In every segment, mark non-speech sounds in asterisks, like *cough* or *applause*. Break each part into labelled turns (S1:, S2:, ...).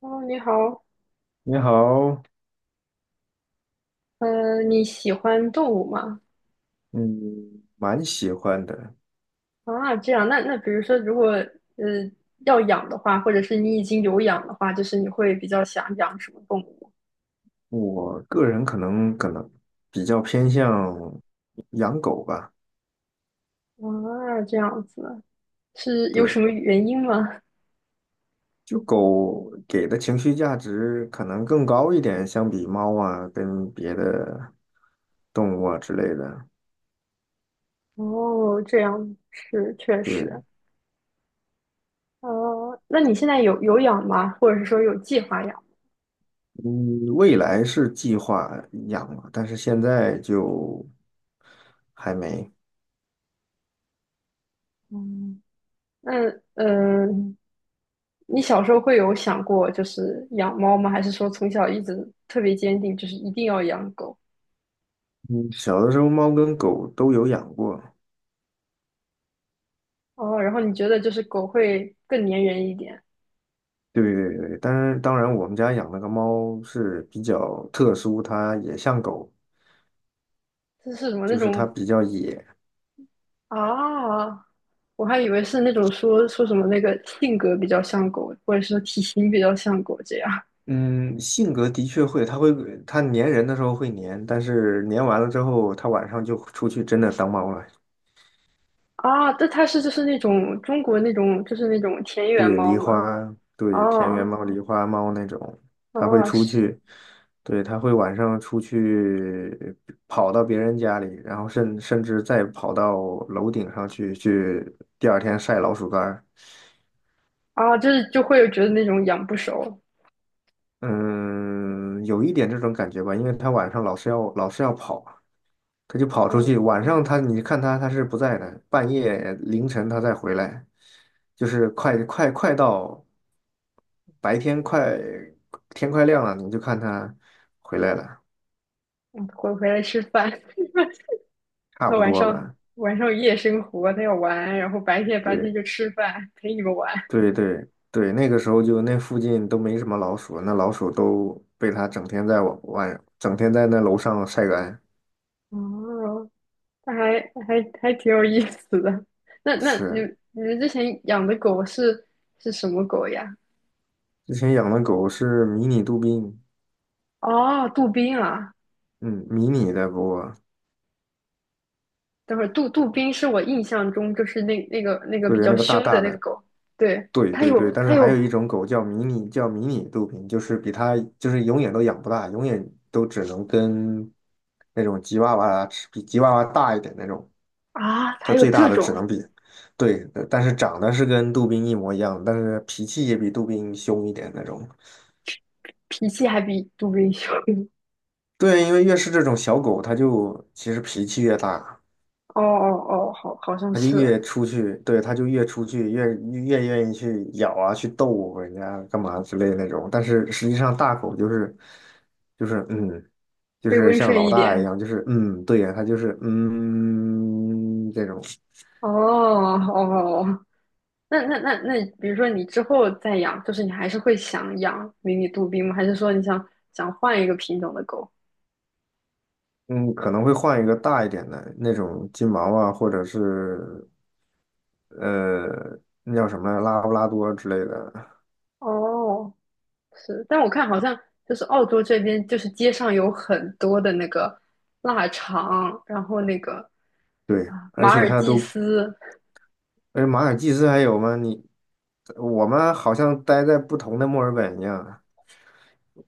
S1: 哦，你好。
S2: 你好，
S1: 你喜欢动物吗？
S2: 嗯，蛮喜欢的。
S1: 啊，这样。那比如说，如果呃要养的话，或者是你已经有养的话，就是你会比较想养什么动物？
S2: 我个人可能比较偏向养狗吧，
S1: 啊，这样子，是有
S2: 对，
S1: 什么原因吗？
S2: 就狗给的情绪价值可能更高一点，相比猫啊跟别的动物啊之类的。
S1: 哦，这样是确
S2: 对，
S1: 实。哦，那你现在有养吗？或者是说有计划养？
S2: 嗯，未来是计划养了，但是现在就还没。
S1: 嗯，那呃，你小时候会有想过就是养猫吗？还是说从小一直特别坚定，就是一定要养狗？
S2: 嗯，小的时候猫跟狗都有养过，
S1: 哦，然后你觉得就是狗会更粘人一点。
S2: 对对对，当然当然，我们家养那个猫是比较特殊，它也像狗，
S1: 这是什么那
S2: 就是它
S1: 种
S2: 比较野。
S1: 啊？我还以为是那种说什么那个性格比较像狗，或者说体型比较像狗这样。
S2: 嗯，性格的确会，它会它粘人的时候会粘，但是粘完了之后，它晚上就出去真的当猫了，
S1: 啊？这它是就是那种中国那种就是那种田园
S2: 对
S1: 猫
S2: 狸
S1: 吗？
S2: 花，对田园
S1: 哦
S2: 猫、狸花猫那种，它会
S1: 哦
S2: 出
S1: 是
S2: 去，对，它会晚上出去跑到别人家里，然后甚至再跑到楼顶上去，第二天晒老鼠干儿。
S1: 啊，就是就会觉得那种养不熟。
S2: 嗯，有一点这种感觉吧，因为他晚上老是要跑，他就跑出
S1: 哦，
S2: 去。晚上他你看他是不在的，半夜凌晨他再回来，就是快到白天快天快亮了，你就看他回来了，
S1: 嗯回来吃饭。*laughs*
S2: 差
S1: 他
S2: 不
S1: 晚
S2: 多
S1: 上
S2: 吧。
S1: 晚上夜生活，他要玩，然后白天
S2: 对
S1: 就吃饭陪你们玩。
S2: 对对对，那个时候就那附近都没什么老鼠，那老鼠都被他整天在我晚整天在那楼上晒干。
S1: 哦。那还还挺有意思的。那你
S2: 是，
S1: 你们之前养的狗是是什么狗呀？
S2: 之前养的狗是迷你杜宾。
S1: 哦，杜宾啊。
S2: 嗯，迷你的不过，
S1: 等会儿杜宾是我印象中就是那个那个比
S2: 对，那
S1: 较
S2: 个大
S1: 凶的
S2: 大
S1: 那个
S2: 的，
S1: 狗。对，
S2: 对
S1: 它
S2: 对对，
S1: 有
S2: 但是
S1: 它
S2: 还
S1: 有
S2: 有一种狗叫迷你，叫迷你杜宾，就是比它就是永远都养不大，永远都只能跟那种吉娃娃吃比吉娃娃大一点那种，
S1: 啊，
S2: 它
S1: 还有
S2: 最大
S1: 这
S2: 的只
S1: 种。
S2: 能比，对，但是长得是跟杜宾一模一样，但是脾气也比杜宾凶一点那种。
S1: 脾气还比杜宾凶。*laughs*
S2: 对，因为越是这种小狗，它就其实脾气越大，
S1: 哦哦哦，好好像
S2: 他就
S1: 是
S2: 越出去，对，他就越出去，越愿意去咬啊，去逗人家干嘛之类的那种。但是实际上，大狗就是嗯，就
S1: 会
S2: 是
S1: 温
S2: 像
S1: 顺
S2: 老
S1: 一
S2: 大一
S1: 点。
S2: 样，就是嗯，对呀，他就是这种，
S1: 哦哦，那，比如说你之后再养，就是你还是会想养迷你杜宾吗？还是说你想换一个品种的狗？
S2: 嗯，可能会换一个大一点的那种金毛啊，或者是呃那叫什么来，拉布拉多之类的。
S1: 哦，是，但我看好像就是澳洲这边，就是街上有很多的那个腊肠，然后那个
S2: 对，
S1: 啊
S2: 而
S1: 马
S2: 且
S1: 尔
S2: 它
S1: 济
S2: 都，
S1: 斯。
S2: 哎，马尔济斯还有吗？你，我们好像待在不同的墨尔本一样。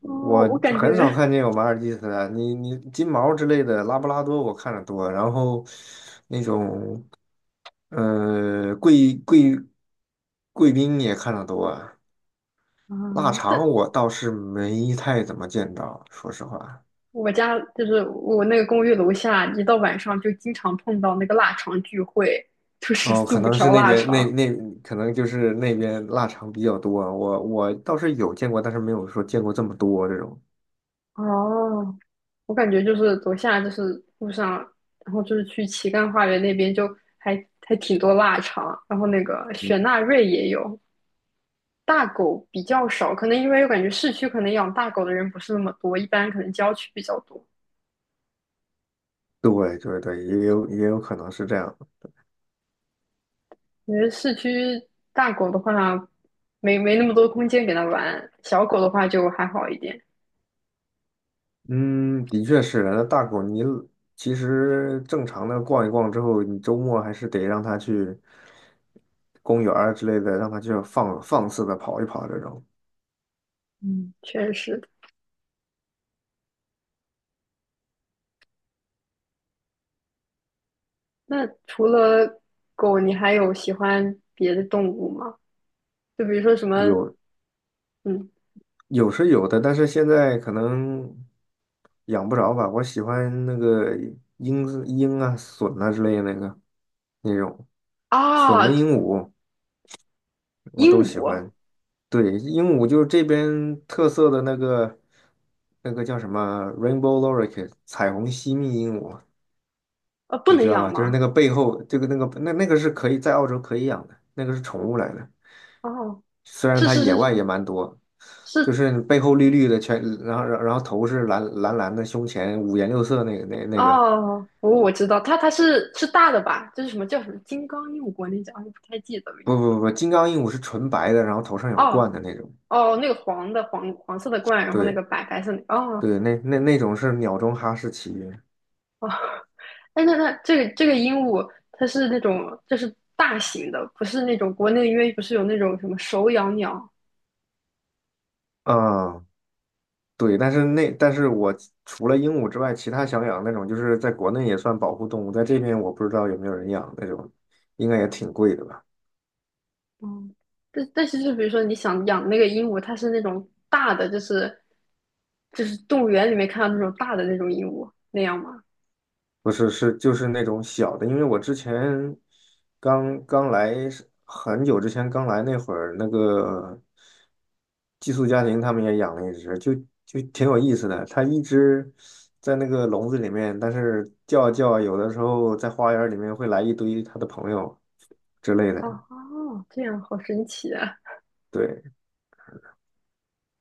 S1: 哦，
S2: 我
S1: 我感
S2: 很少
S1: 觉
S2: 看见有马尔济斯的，你金毛之类的，拉布拉多我看的多，然后那种呃贵贵贵宾也看的多，
S1: *laughs*，
S2: 腊
S1: 嗯，
S2: 肠
S1: 但
S2: 我倒是没太怎么见到，说实话。
S1: 我家就是我那个公寓楼下，一到晚上就经常碰到那个腊肠聚会，就是
S2: 哦，
S1: 四
S2: 可
S1: 五
S2: 能是
S1: 条
S2: 那
S1: 腊
S2: 边
S1: 肠。
S2: 可能就是那边腊肠比较多，我倒是有见过，但是没有说见过这么多这种。
S1: 哦，我感觉就是走下就是路上，然后就是去旗杆花园那边就还还挺多腊肠，然后那个雪
S2: 嗯，
S1: 纳瑞也有。大狗比较少，可能因为我感觉市区可能养大狗的人不是那么多，一般可能郊区比较多。
S2: 对对对，也有可能是这样。
S1: 因为市区大狗的话，没没那么多空间给它玩，小狗的话就还好一点。
S2: 嗯，的确是。那大狗，你其实正常的逛一逛之后，你周末还是得让它去公园儿之类的，让它就放肆的跑一跑。这种
S1: 嗯，确实。那除了狗，你还有喜欢别的动物吗？就比如说什么？
S2: 有
S1: 嗯，
S2: 有是有的，但是现在可能养不着吧。我喜欢那个鹰啊、隼啊之类的那个那种隼跟
S1: 啊，
S2: 鹦鹉，我都
S1: 鹦
S2: 喜
S1: 鹉。
S2: 欢。对，鹦鹉就是这边特色的那个，那个叫什么 Rainbow l o r i k e 彩虹吸蜜鹦鹉，
S1: 啊，不
S2: 你
S1: 能
S2: 知道
S1: 养
S2: 吧？就是那
S1: 吗？
S2: 个背后这个那个那个是可以在澳洲可以养的，那个是宠物来的。
S1: 哦，
S2: 虽然
S1: 是
S2: 它
S1: 是
S2: 野
S1: 是
S2: 外也
S1: 是
S2: 蛮多，就
S1: 是。
S2: 是背后绿绿的全，然后头是蓝蓝的，胸前五颜六色那个那个，
S1: 哦，我我知道，它它是是大的吧？就是什么叫什么金刚鹦鹉，国内叫，哎，不太记得了。
S2: 不不不，金刚鹦鹉是纯白的，然后头上有冠
S1: 哦
S2: 的那种。
S1: 哦，那个黄的黄黄色的冠，然后那个
S2: 对
S1: 白白色的，哦。
S2: 对，那种是鸟中哈士奇。
S1: 哎，那那这个这个鹦鹉，它是那种就是大型的，不是那种国内因为不是有那种什么手养鸟。
S2: 嗯，对，但是我除了鹦鹉之外，其他想养那种就是在国内也算保护动物，在这边我不知道有没有人养那种，应该也挺贵的吧？
S1: 嗯，但但是就比如说你想养那个鹦鹉，它是那种大的，就是就是动物园里面看到那种大的那种鹦鹉那样吗？
S2: 不是，是就是那种小的，因为我之前刚刚来是很久之前刚来那会儿，那个寄宿家庭他们也养了一只，就挺有意思的。它一只在那个笼子里面，但是叫啊叫啊有的时候在花园里面会来一堆它的朋友之类
S1: 哦
S2: 的。
S1: 哦，这样好神奇啊！
S2: 对，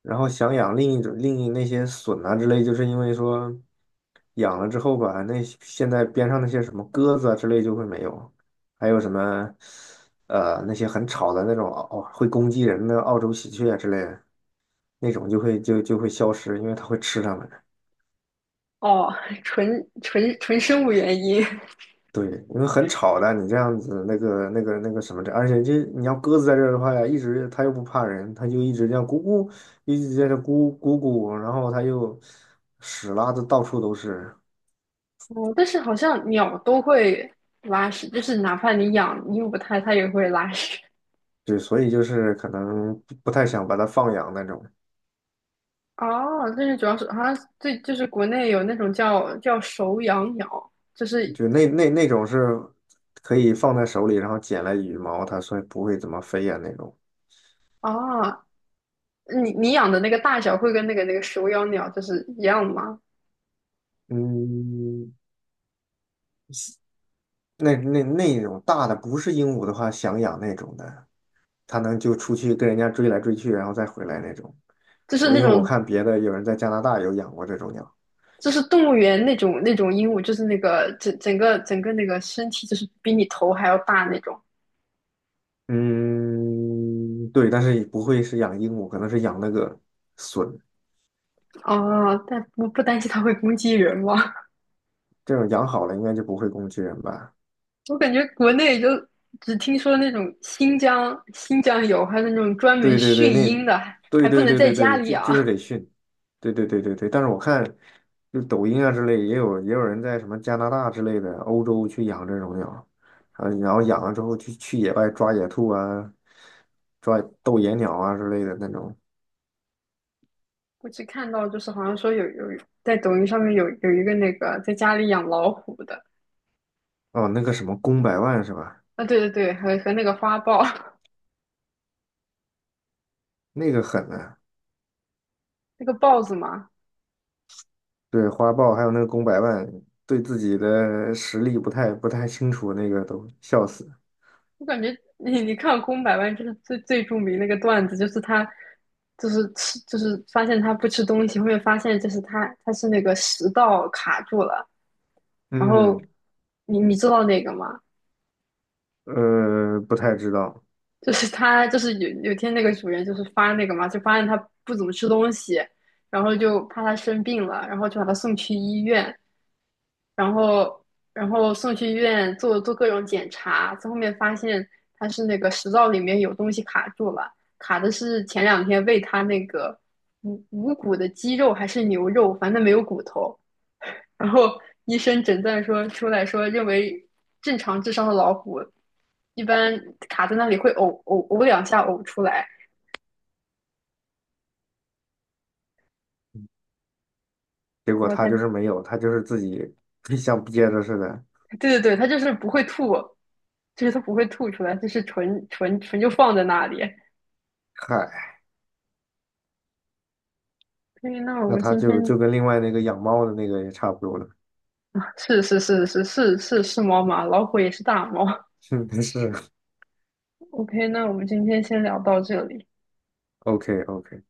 S2: 然后想养另一那些笋啊之类，就是因为说养了之后吧，那些现在边上那些什么鸽子啊之类就会没有，还有什么那些很吵的那种哦会攻击人的澳洲喜鹊啊之类的那种就会消失，因为它会吃它们。
S1: 哦，纯生物原因。*laughs*
S2: 对，因为很吵的，你这样子那个那个那个什么的，而且这你要鸽子在这儿的话呀，一直它又不怕人，它就一直这样咕咕，一直在这咕咕咕，然后它又屎拉的到处都是。
S1: 哦，但是好像鸟都会拉屎，就是哪怕你养鹦鹉它，它也会拉屎。
S2: 对，所以就是可能不太想把它放养那种，
S1: 哦，但是主要是好像最就是国内有那种叫手养鸟，就是
S2: 就那种是可以放在手里，然后捡来羽毛，它所以不会怎么飞呀那种。
S1: 啊。你你养的那个大小会跟那个那个手养鸟就是一样吗？
S2: 嗯，那种大的不是鹦鹉的话，想养那种的，它能就出去跟人家追来追去，然后再回来那种。
S1: 就是
S2: 我
S1: 那
S2: 因为我
S1: 种
S2: 看别的有人在加拿大有养过这种鸟。
S1: 就是动物园那种那种鹦鹉，就是那个整个整个那个身体就是比你头还要大那种。
S2: 嗯，对，但是也不会是养鹦鹉，可能是养那个隼，
S1: 哦，但不担心它会攻击人吗？
S2: 这种养好了应该就不会攻击人吧。
S1: *laughs* 我感觉国内就只听说那种新疆有，还有那种专门
S2: 对对对，
S1: 训
S2: 那
S1: 鹰的，还
S2: 对
S1: 不
S2: 对
S1: 能
S2: 对
S1: 在
S2: 对
S1: 家
S2: 对，
S1: 里
S2: 就是
S1: 养。
S2: 得训，对对对对对。但是我看，就抖音啊之类，也有人在什么加拿大之类的欧洲去养这种鸟，啊，然后养了之后去野外抓野兔啊，抓斗野鸟啊之类的那种。
S1: 我只看到就是好像说有有在抖音上面有一个那个在家里养老虎的。
S2: 哦，那个什么公百万是吧？
S1: 啊，对对对，和和那个花豹。
S2: 那个狠啊！
S1: 那个豹子嘛。
S2: 对，花豹还有那个公百万，对自己的实力不太清楚，那个都笑死。
S1: 我感觉你你看《空百万》就是最最著名那个段子，就是他就是吃就是发现他不吃东西，后面发现就是他他是那个食道卡住了。然
S2: 嗯，
S1: 后你你知道那个吗？
S2: 不太知道。
S1: 就是他就是有有天那个主人就是发那个嘛，就发现他不怎么吃东西，然后就怕他生病了，然后就把他送去医院。然后然后送去医院做做各种检查，最后面发现他是那个食道里面有东西卡住了，卡的是前两天喂他那个无骨的鸡肉还是牛肉，反正没有骨头。然后医生诊断说出来说，认为正常智商的老虎一般卡在那里会呕两下呕出来。
S2: 结果
S1: 然后他
S2: 他就是没有，他就是自己 *laughs* 像憋着似的。
S1: 对对对，他就是不会吐，就是他不会吐出来，就是纯就放在那里。
S2: 嗨，
S1: 所以那我
S2: 那
S1: 们
S2: 他
S1: 今
S2: 就
S1: 天
S2: 就跟另外那个养猫的那个也差不多了。
S1: 是是是是是是是猫吗？老虎也是大猫。
S2: *laughs* 是是
S1: OK，那我们今天先聊到这里。
S2: OK OK。